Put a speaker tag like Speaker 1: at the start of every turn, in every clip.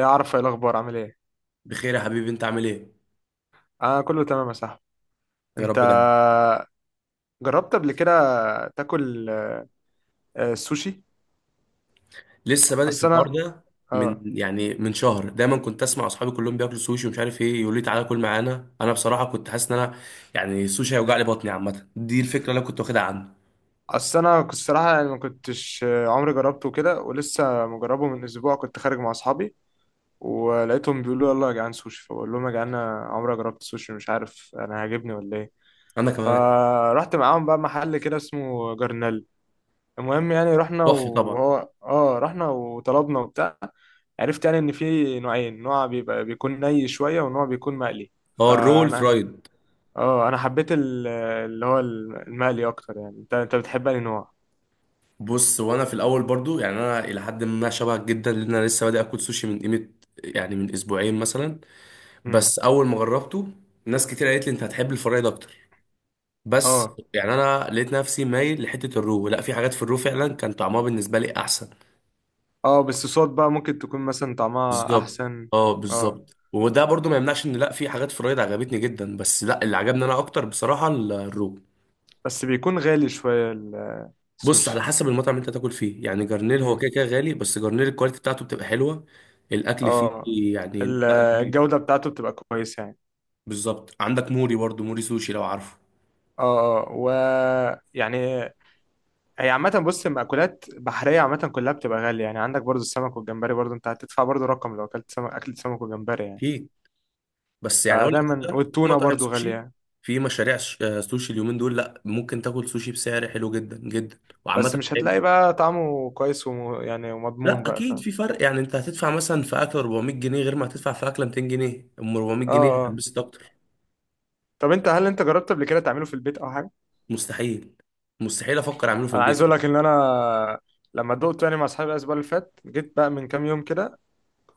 Speaker 1: يا عارف ايه الاخبار؟ عامل ايه؟
Speaker 2: بخير يا حبيبي، انت عامل ايه؟
Speaker 1: انا كله تمام يا صاحبي.
Speaker 2: يا
Speaker 1: انت
Speaker 2: رب دايما.
Speaker 1: جربت قبل كده تاكل سوشي؟
Speaker 2: لسه بادئ في
Speaker 1: اصل
Speaker 2: الحوار
Speaker 1: انا
Speaker 2: ده.
Speaker 1: اه
Speaker 2: من شهر دايما كنت اسمع اصحابي كلهم بياكلوا سوشي ومش عارف ايه، يقولوا لي تعالى كل معانا. انا بصراحه كنت حاسس ان انا يعني السوشي هيوجع لي بطني. عامه دي الفكره اللي انا كنت واخدها عنه.
Speaker 1: اصل انا كنت الصراحه يعني ما كنتش عمري جربته كده، ولسه مجربه من اسبوع. كنت خارج مع اصحابي ولقيتهم بيقولوا يلا يا جدعان سوشي، فبقول لهم يا جدعان انا عمري ما جربت سوشي، مش عارف انا هيعجبني ولا ايه.
Speaker 2: انا كمان.
Speaker 1: فرحت معاهم بقى محل كده اسمه جرنال. المهم يعني رحنا
Speaker 2: تحفه طبعا.
Speaker 1: وهو اه رحنا وطلبنا وبتاع. عرفت يعني ان في نوعين، نوع بيكون ني شويه، ونوع بيكون مقلي.
Speaker 2: هو الرول
Speaker 1: فانا
Speaker 2: فرايد؟
Speaker 1: اه انا حبيت اللي هو المقلي اكتر. يعني انت بتحب انهي نوع؟
Speaker 2: بص، وانا في الاول برضو يعني انا الى حد ما شبهك جدا، لان انا لسه بادئ اكل سوشي من قيمه. يعني من اسبوعين مثلا.
Speaker 1: امم.
Speaker 2: بس اول ما جربته ناس كتير قالت لي انت هتحب الفرايد اكتر. بس
Speaker 1: اه،
Speaker 2: يعني انا لقيت نفسي مايل لحته الرو. لا، في حاجات في الرو فعلا كان طعمها بالنسبه لي احسن.
Speaker 1: اه، بس الصوصات بقى ممكن تكون مثلا طعمها
Speaker 2: بالظبط،
Speaker 1: احسن.
Speaker 2: اه
Speaker 1: اه،
Speaker 2: بالظبط، وده برضو ما يمنعش ان لا في حاجات في الرايد عجبتني جدا، بس لا اللي عجبني انا اكتر بصراحه الرو.
Speaker 1: بس بيكون غالي شويه
Speaker 2: بص على
Speaker 1: السوشي.
Speaker 2: حسب المطعم اللي انت تاكل فيه. يعني جرنيل هو
Speaker 1: امم.
Speaker 2: كده كده غالي، بس جرنيل الكواليتي بتاعته بتبقى حلوه. الاكل فيه
Speaker 1: اه،
Speaker 2: يعني لا لذيذ.
Speaker 1: الجوده بتاعته بتبقى كويسه يعني.
Speaker 2: بالظبط. عندك موري برضو، موري سوشي لو عارفه.
Speaker 1: اه، اه، ويعني هي عامة. بص، المأكولات بحرية عامة كلها بتبقى غالية، يعني عندك برضو السمك والجمبري، برضو انت هتدفع برضو رقم لو اكلت سمك، اكلت سمك وجمبري يعني.
Speaker 2: اكيد. بس يعني اقول لك
Speaker 1: فدايما،
Speaker 2: ده، في
Speaker 1: والتونة
Speaker 2: مطاعم
Speaker 1: برضو غالية
Speaker 2: سوشي،
Speaker 1: يعني.
Speaker 2: في مشاريع سوشي اليومين دول، لا ممكن تاكل سوشي بسعر حلو جدا جدا. وعامه
Speaker 1: بس مش هتلاقي
Speaker 2: حلو.
Speaker 1: بقى طعمه كويس يعني ومضمون
Speaker 2: لا
Speaker 1: بقى،
Speaker 2: اكيد
Speaker 1: فاهم؟
Speaker 2: في فرق، يعني انت هتدفع مثلا في اكل 400 جنيه غير ما هتدفع في اكله 200 جنيه، ام 400
Speaker 1: اه،
Speaker 2: جنيه
Speaker 1: اه،
Speaker 2: هتلبسك اكتر.
Speaker 1: طب هل انت جربت قبل كده تعمله في البيت او حاجة؟
Speaker 2: مستحيل. مستحيل افكر اعمله في
Speaker 1: انا عايز
Speaker 2: البيت.
Speaker 1: اقول لك ان انا لما دقته يعني مع اصحابي الاسبوع اللي فات، جيت بقى من كام يوم كده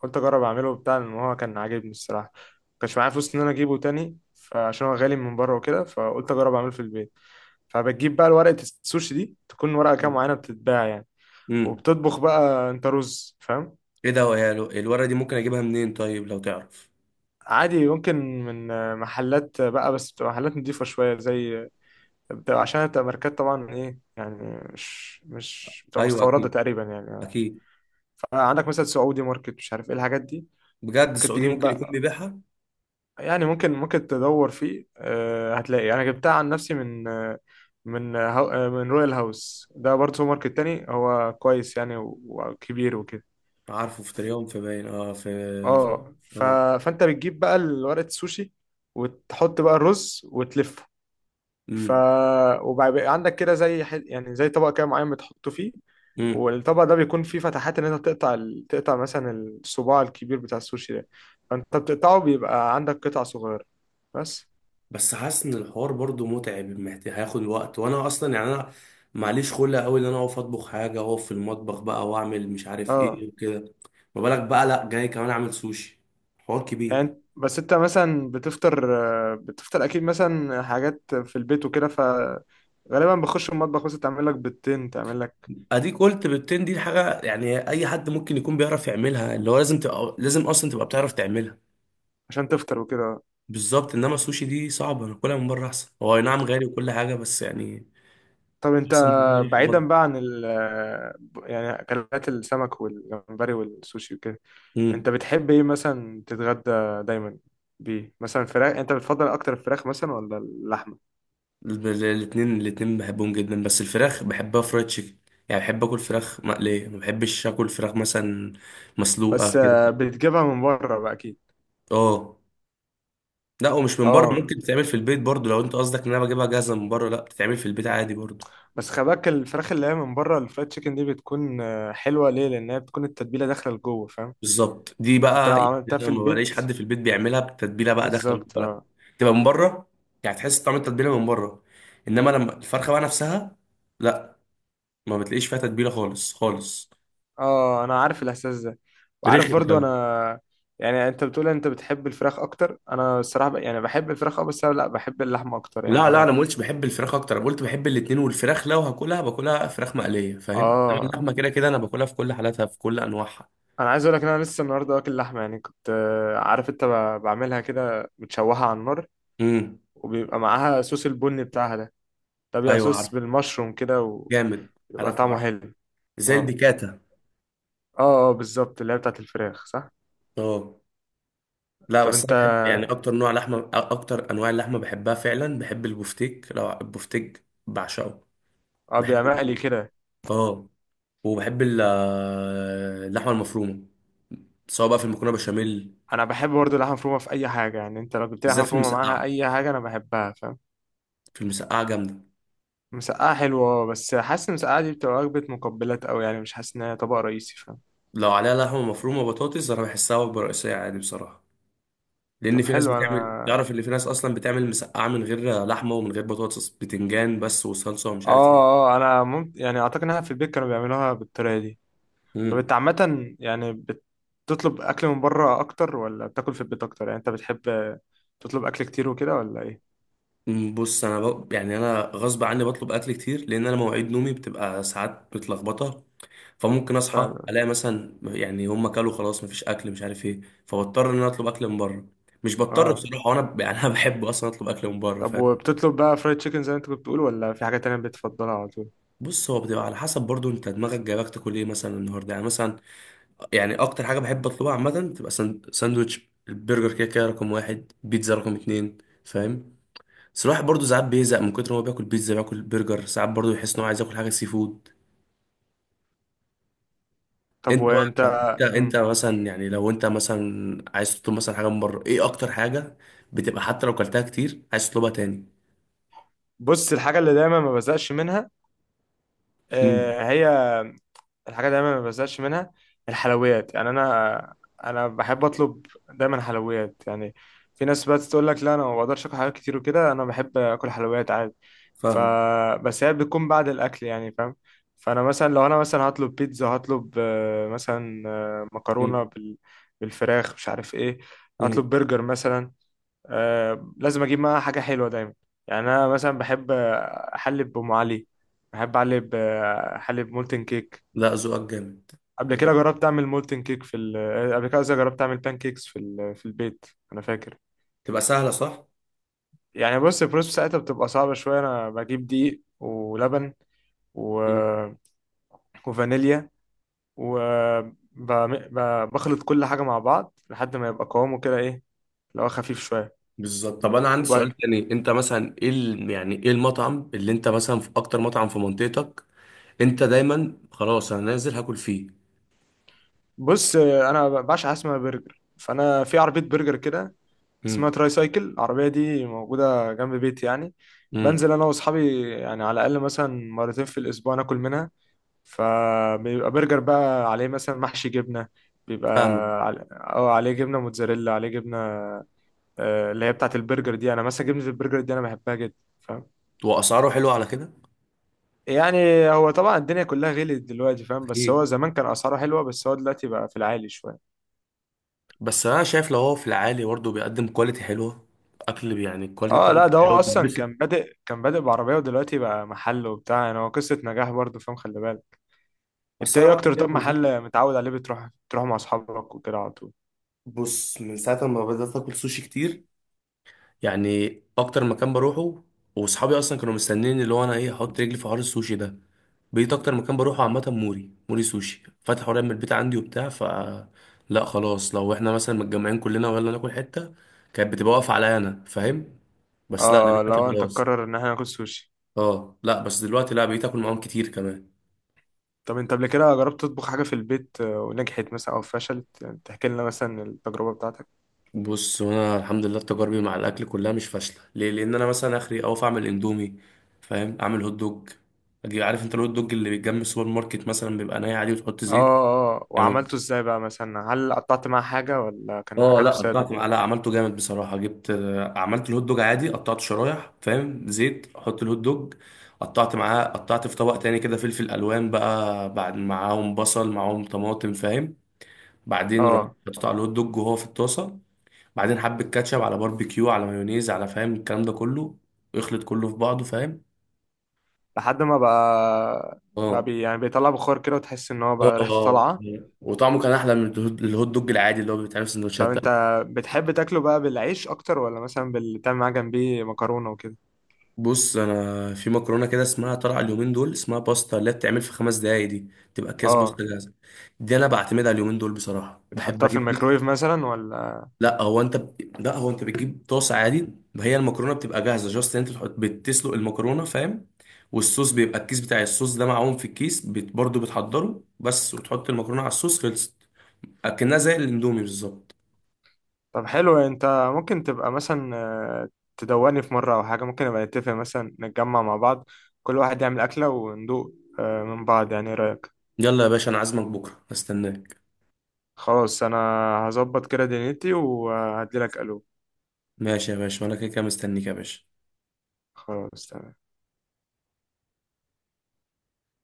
Speaker 1: قلت اجرب اعمله وبتاع، لان هو كان عاجبني الصراحه. مكانش معايا فلوس ان انا اجيبه تاني، فعشان هو غالي من بره وكده فقلت اجرب اعمله في البيت. فبتجيب بقى ورقه السوشي دي، تكون ورقه كام معينه بتتباع يعني.
Speaker 2: امم.
Speaker 1: وبتطبخ بقى انت رز، فاهم؟
Speaker 2: ايه ده يا الورقه دي ممكن اجيبها منين طيب لو تعرف؟
Speaker 1: عادي، ممكن من محلات بقى، بس بتبقى محلات نضيفة شوية، زي عشان بتبقى ماركات طبعا، ايه يعني مش بتبقى
Speaker 2: ايوه
Speaker 1: مستوردة
Speaker 2: اكيد.
Speaker 1: تقريبا يعني.
Speaker 2: اكيد.
Speaker 1: فعندك مثلا سعودي ماركت، مش عارف ايه الحاجات دي.
Speaker 2: بجد،
Speaker 1: ممكن
Speaker 2: سعودي
Speaker 1: تجيب
Speaker 2: ممكن يكون
Speaker 1: بقى،
Speaker 2: بيبيعها.
Speaker 1: يعني ممكن تدور فيه. هتلاقي انا جبتها عن نفسي من رويال هاوس. ده برضه سوبر ماركت تاني، هو كويس يعني وكبير وكده.
Speaker 2: عارفه في تريوم، في باين، في.
Speaker 1: اه.
Speaker 2: اه.
Speaker 1: فانت بتجيب بقى ورقة السوشي وتحط بقى الرز وتلفه. ف وبقى عندك كده زي يعني زي طبق كده معين بتحطه فيه.
Speaker 2: امم.
Speaker 1: والطبق ده بيكون فيه فتحات ان انت تقطع مثلا الصباع الكبير بتاع السوشي ده. فانت بتقطعه، بيبقى عندك قطع صغيرة بس.
Speaker 2: بس حاسس ان الحوار برضو متعب، محتاج هياخد وقت، وانا اصلا يعني انا معليش خلق قوي ان انا اقف اطبخ حاجه واقف في المطبخ بقى، واعمل مش عارف
Speaker 1: اه.
Speaker 2: ايه وكده. ما بالك بقى لا جاي كمان اعمل سوشي. حوار كبير.
Speaker 1: يعني بس انت مثلا بتفطر. بتفطر اكيد مثلا حاجات في البيت وكده فغالبا بخش المطبخ مثلا تعمل لك بيضتين، تعمل لك
Speaker 2: اديك قلت بيضتين، دي حاجه يعني اي حد ممكن يكون بيعرف يعملها، اللي هو لازم تبقى لازم اصلا تبقى بتعرف تعملها.
Speaker 1: عشان تفطر وكده.
Speaker 2: بالظبط، انما السوشي دي صعبه، انا كلها من بره احسن. هو أي نعم غالي وكل حاجه بس يعني
Speaker 1: طب انت،
Speaker 2: احسن بكتير في
Speaker 1: بعيدا بقى عن ال آه، يعني اكلات السمك والجمبري والسوشي وكده،
Speaker 2: المطبخ.
Speaker 1: انت بتحب ايه مثلا تتغدى دايما بيه؟ مثلا فراخ، انت بتفضل اكتر الفراخ مثلا ولا اللحمه؟
Speaker 2: الاتنين الاتنين بحبهم جدا، بس الفراخ بحبها فرايد تشيكن. يعني بحب اكل فراخ مقلية، ما بحبش اكل فراخ مثلا
Speaker 1: بس
Speaker 2: مسلوقة كده.
Speaker 1: بتجيبها من بره بقى اكيد.
Speaker 2: اه، لا ومش من بره،
Speaker 1: اه،
Speaker 2: ممكن تتعمل في البيت برضو. لو انت قصدك ان انا بجيبها جاهزة من بره، لا بتتعمل في البيت عادي برضو.
Speaker 1: بس خلي بالك الفراخ اللي هي من بره، الفرايد تشيكن دي بتكون حلوه، ليه؟ لان هي بتكون التتبيله داخله لجوه، فاهم؟
Speaker 2: بالظبط، دي
Speaker 1: انت
Speaker 2: بقى
Speaker 1: لو
Speaker 2: يعني
Speaker 1: عملتها
Speaker 2: انا
Speaker 1: في
Speaker 2: ما
Speaker 1: البيت
Speaker 2: بلاقيش حد في البيت بيعملها بتتبيله بقى داخل
Speaker 1: بالظبط.
Speaker 2: ولا لا.
Speaker 1: اه،
Speaker 2: تبقى من بره، يعني تحس طعم التتبيله من بره. انما لما الفرخه بقى نفسها، لا، ما بتلاقيش فيها تتبيله خالص خالص.
Speaker 1: اه، انا عارف الاحساس ده، وعارف
Speaker 2: رخم
Speaker 1: برضو
Speaker 2: كمان.
Speaker 1: انا. يعني انت بتقول انت بتحب الفراخ اكتر. انا الصراحه يعني بحب الفراخ. اه، بس انا لا بحب اللحمه اكتر يعني
Speaker 2: لا لا،
Speaker 1: انا.
Speaker 2: انا ما قلتش بحب الفراخ اكتر. انا قلت بحب الاتنين، والفراخ لو هاكلها باكلها فراخ مقليه، فاهم. إنما
Speaker 1: اه.
Speaker 2: اللحمه كده كده انا باكلها في كل حالاتها، في كل انواعها.
Speaker 1: انا عايز اقول لك ان انا لسه النهارده واكل لحمه يعني، كنت عارف انت بعملها كده بتشوحها على النار.
Speaker 2: امم.
Speaker 1: وبيبقى معاها صوص البني بتاعها ده. ده بيبقى
Speaker 2: ايوه
Speaker 1: صوص
Speaker 2: عارف.
Speaker 1: بالمشروم كده.
Speaker 2: جامد.
Speaker 1: وبيبقى
Speaker 2: عارف،
Speaker 1: طعمه
Speaker 2: عارف.
Speaker 1: حلو.
Speaker 2: زي
Speaker 1: اه،
Speaker 2: البيكاتا.
Speaker 1: اه، اه، بالظبط، اللي هي بتاعت الفراخ، صح.
Speaker 2: اه، لا
Speaker 1: طب
Speaker 2: بس انا
Speaker 1: انت.
Speaker 2: بحب يعني اكتر نوع لحمه، اكتر انواع اللحمه بحبها فعلا بحب البفتيك. لو البفتيك بعشقه.
Speaker 1: اه، بيبقى
Speaker 2: بحبه.
Speaker 1: مقلي كده.
Speaker 2: اه. وبحب اللحمه المفرومه، سواء بقى في المكرونه بشاميل.
Speaker 1: انا بحب برضه اللحمه مفرومه في اي حاجه، يعني انت لو جبت لي لحمه
Speaker 2: بالذات في
Speaker 1: مفرومه معاها
Speaker 2: المسقعه.
Speaker 1: اي حاجه انا بحبها، فاهم؟
Speaker 2: في المسقعه جامده.
Speaker 1: مسقعه حلوه، اه، بس حاسس ان المسقعه دي بتبقى وجبه مقبلات قوي، يعني مش حاسس ان هي طبق رئيسي، فاهم؟
Speaker 2: لو عليها لحمه مفرومه وبطاطس انا بحسها وجبه رئيسيه عادي بصراحه، لان
Speaker 1: طب
Speaker 2: في ناس
Speaker 1: حلو.
Speaker 2: بتعمل،
Speaker 1: انا،
Speaker 2: تعرف ان في ناس اصلا بتعمل مسقعه من غير لحمه ومن غير بطاطس، بتنجان بس وصلصه ومش عارف ايه.
Speaker 1: اه، اه، انا ممكن يعني اعتقد انها في البيت كانوا بيعملوها بالطريقه دي. طب
Speaker 2: مم.
Speaker 1: انت عامه يعني بتطلب اكل من بره اكتر ولا بتاكل في البيت اكتر؟ يعني انت بتحب تطلب اكل كتير وكده ولا ايه؟
Speaker 2: بص انا يعني انا غصب عني بطلب اكل كتير، لان انا مواعيد نومي بتبقى ساعات متلخبطه. فممكن اصحى
Speaker 1: ف...
Speaker 2: الاقي مثلا يعني هم كلوا خلاص مفيش اكل مش عارف ايه. فبضطر ان انا اطلب اكل من بره. مش بضطر
Speaker 1: اه.
Speaker 2: بصراحه، وانا يعني انا بحب اصلا اطلب اكل من بره،
Speaker 1: طب،
Speaker 2: فاهم.
Speaker 1: وبتطلب بقى فرايد تشيكن زي ما انت كنت بتقول، ولا في حاجة تانية بتفضلها على طول؟
Speaker 2: بص، هو بتبقى على حسب برضو انت دماغك جايبك تاكل ايه مثلا النهارده، يعني مثلا يعني اكتر حاجه بحب اطلبها عامه تبقى ساندوتش البرجر، كده كده رقم واحد بيتزا رقم اتنين، فاهم. بس الواحد برضه ساعات بيزهق من كتر ما هو بياكل بيتزا، بياكل برجر، ساعات برضه يحس ان هو عايز ياكل حاجه سي فود.
Speaker 1: طب
Speaker 2: انت
Speaker 1: وانت.
Speaker 2: بقى، انت
Speaker 1: مم.
Speaker 2: مثلا يعني لو انت مثلا عايز تطلب مثلا حاجه من بره، ايه اكتر حاجه بتبقى حتى لو كلتها كتير عايز تطلبها تاني؟
Speaker 1: بص، الحاجة اللي دايما ما بزقش منها،
Speaker 2: امم.
Speaker 1: هي الحاجة دايما ما بزهقش منها، الحلويات. يعني أنا، أنا بحب أطلب دايما حلويات يعني. في ناس بقى تقول لك لا، أنا ما بقدرش آكل حلويات كتير وكده. أنا بحب آكل حلويات عادي. ف
Speaker 2: فاهم.
Speaker 1: بس هي بتكون بعد الأكل يعني، فاهم؟ فأنا مثلا، لو أنا مثلا هطلب بيتزا، هطلب مثلا مكرونة بالفراخ، مش عارف إيه.
Speaker 2: امم.
Speaker 1: هطلب برجر مثلا. لازم أجيب معاها حاجة حلوة دايما. يعني أنا مثلا بحب أحلي بأم علي، بحب أحلي أحلي بمولتن كيك.
Speaker 2: لا، ذوقك جامد.
Speaker 1: قبل كده
Speaker 2: بجد.
Speaker 1: جربت اعمل مولتن كيك في ال... آه، قبل كده قصدي جربت اعمل بان كيكس في ال... آه، في البيت. انا فاكر
Speaker 2: تبقى سهله صح؟
Speaker 1: يعني. بص، البروسيس بتاعتها بتبقى صعبه شويه. انا بجيب دقيق ولبن و... آه، وفانيليا و آه، ب... ب... بخلط كل حاجه مع بعض لحد ما يبقى قوامه كده، ايه، لو خفيف شويه
Speaker 2: بالظبط. طب انا عندي
Speaker 1: وب...
Speaker 2: سؤال تاني، انت مثلا ايه يعني ايه المطعم اللي انت مثلا، في اكتر مطعم في منطقتك انت دايما خلاص انا نازل هاكل فيه؟
Speaker 1: بص، انا بعشق حاجه اسمها برجر. فانا في عربيه برجر كده اسمها
Speaker 2: امم.
Speaker 1: تراي سايكل، العربيه دي موجوده جنب بيتي يعني.
Speaker 2: امم.
Speaker 1: بنزل انا واصحابي، يعني على الاقل مثلا مرتين في الاسبوع ناكل منها. فبيبقى برجر بقى عليه مثلا محشي جبنة، بيبقى
Speaker 2: فاهمك.
Speaker 1: أو عليه جبنة موتزاريلا، عليه جبنة اللي هي بتاعة البرجر دي. أنا مثلا جبنة البرجر دي أنا بحبها جدا، فاهم؟
Speaker 2: واسعاره حلوه على كده.
Speaker 1: يعني هو طبعا الدنيا كلها غلت دلوقتي فاهم، بس هو
Speaker 2: اكيد.
Speaker 1: زمان كان أسعاره حلوة، بس هو دلوقتي بقى في العالي شوية.
Speaker 2: بس انا شايف لو هو في العالي برضه بيقدم كواليتي حلوه، اكل، يعني الكواليتي
Speaker 1: اه لا،
Speaker 2: بتاعته
Speaker 1: ده هو
Speaker 2: حلوه
Speaker 1: أصلا
Speaker 2: وتتبسط.
Speaker 1: كان بادئ بعربية، ودلوقتي بقى محل وبتاع. يعني هو قصة نجاح برضه، فاهم؟ خلي بالك. انت
Speaker 2: اصل انا
Speaker 1: ايه
Speaker 2: بقى
Speaker 1: أكتر
Speaker 2: ليا
Speaker 1: طب
Speaker 2: منظور.
Speaker 1: محل متعود عليه، بتروح مع أصحابك وكده على طول؟
Speaker 2: بص، من ساعه ما بدات اكل سوشي كتير، يعني اكتر مكان بروحه، واصحابي اصلا كانوا مستنيين اللي هو انا ايه احط رجلي في حوار السوشي ده. بقيت اكتر مكان بروحه عامه موري سوشي فتح قريب من البيت عندي وبتاع، ف لا خلاص لو احنا مثلا متجمعين كلنا ويلا ناكل حته كانت بتبقى واقفه عليا انا، فاهم. بس لا
Speaker 1: اه،
Speaker 2: دلوقتي
Speaker 1: لو انت
Speaker 2: خلاص.
Speaker 1: تقرر ان احنا ناكل سوشي.
Speaker 2: اه لا، بس دلوقتي لا بقيت اكل معاهم كتير كمان.
Speaker 1: طب انت قبل كده جربت تطبخ حاجة في البيت ونجحت مثلا او فشلت؟ يعني تحكي لنا مثلا التجربة بتاعتك.
Speaker 2: بص، وانا الحمد لله تجاربي مع الاكل كلها مش فاشله، ليه؟ لان انا مثلا اخري اوف اعمل اندومي، فاهم، اعمل هوت دوج. اجي، عارف انت الهوت دوج اللي بيتجمع السوبر ماركت مثلا بيبقى ناي عادي وتحط
Speaker 1: اه،
Speaker 2: زيت.
Speaker 1: اه،
Speaker 2: يعني
Speaker 1: وعملته ازاي بقى مثلا؟ هل قطعت معاه حاجة ولا كان
Speaker 2: اه، لا
Speaker 1: اكلته سادة
Speaker 2: قطعت
Speaker 1: كده؟
Speaker 2: معلقه عملته جامد بصراحه. جبت عملت الهوت دوج عادي، قطعته شرايح فاهم، زيت احط الهوت دوج، قطعت معاه، قطعت في طبق تاني كده فلفل الوان بقى بعد، معاهم بصل، معاهم طماطم فاهم. بعدين رحت
Speaker 1: اه،
Speaker 2: حطيت على الهوت دوج وهو في الطاسه. بعدين حبة كاتشب، على باربيكيو، على مايونيز، على فاهم الكلام ده كله، ويخلط كله في بعضه، فاهم.
Speaker 1: لحد ما بقى
Speaker 2: اه.
Speaker 1: يعني بيطلع بخار كده، وتحس ان هو
Speaker 2: لا
Speaker 1: بقى ريحته
Speaker 2: اه.
Speaker 1: طالعة.
Speaker 2: وطعمه كان احلى من الهوت دوج العادي اللي هو بيتعمل في
Speaker 1: طب
Speaker 2: سندوتشات
Speaker 1: انت
Speaker 2: تانية.
Speaker 1: بتحب تاكله بقى بالعيش اكتر ولا مثلا تعمل معاه جنبيه مكرونة وكده؟
Speaker 2: بص، انا في مكرونه كده اسمها طالعه اليومين دول اسمها باستا اللي هي بتتعمل في 5 دقايق دي، تبقى اكياس باستا
Speaker 1: اه،
Speaker 2: جاهزه. دي انا بعتمدها اليومين دول بصراحه، بحب
Speaker 1: بتحطها في
Speaker 2: اجيب كيس.
Speaker 1: الميكرويف مثلا ولا؟
Speaker 2: لا هو انت لا هو انت بتجيب طاسه عادي، ما هي المكرونه بتبقى جاهزه، جاست انت تحط بتسلق المكرونه فاهم. والصوص بيبقى الكيس بتاع الصوص ده معاهم في الكيس برضه بتحضره بس، وتحط المكرونه على الصوص خلصت، اكنها زي الاندومي بالظبط.
Speaker 1: طب حلو، انت ممكن تبقى مثلا آه، تدوقني في مرة او حاجة؟ ممكن نبقى نتفق مثلا، نتجمع مع بعض، كل واحد يعمل اكلة وندوق من بعض، يعني ايه رأيك؟
Speaker 2: يلا يا باشا، انا عازمك بكره استناك.
Speaker 1: خلاص، انا هظبط كده دنيتي وهديلك الو.
Speaker 2: ماشي يا باشا، وانا كده كده مستنيك يا باشا.
Speaker 1: خلاص، تمام.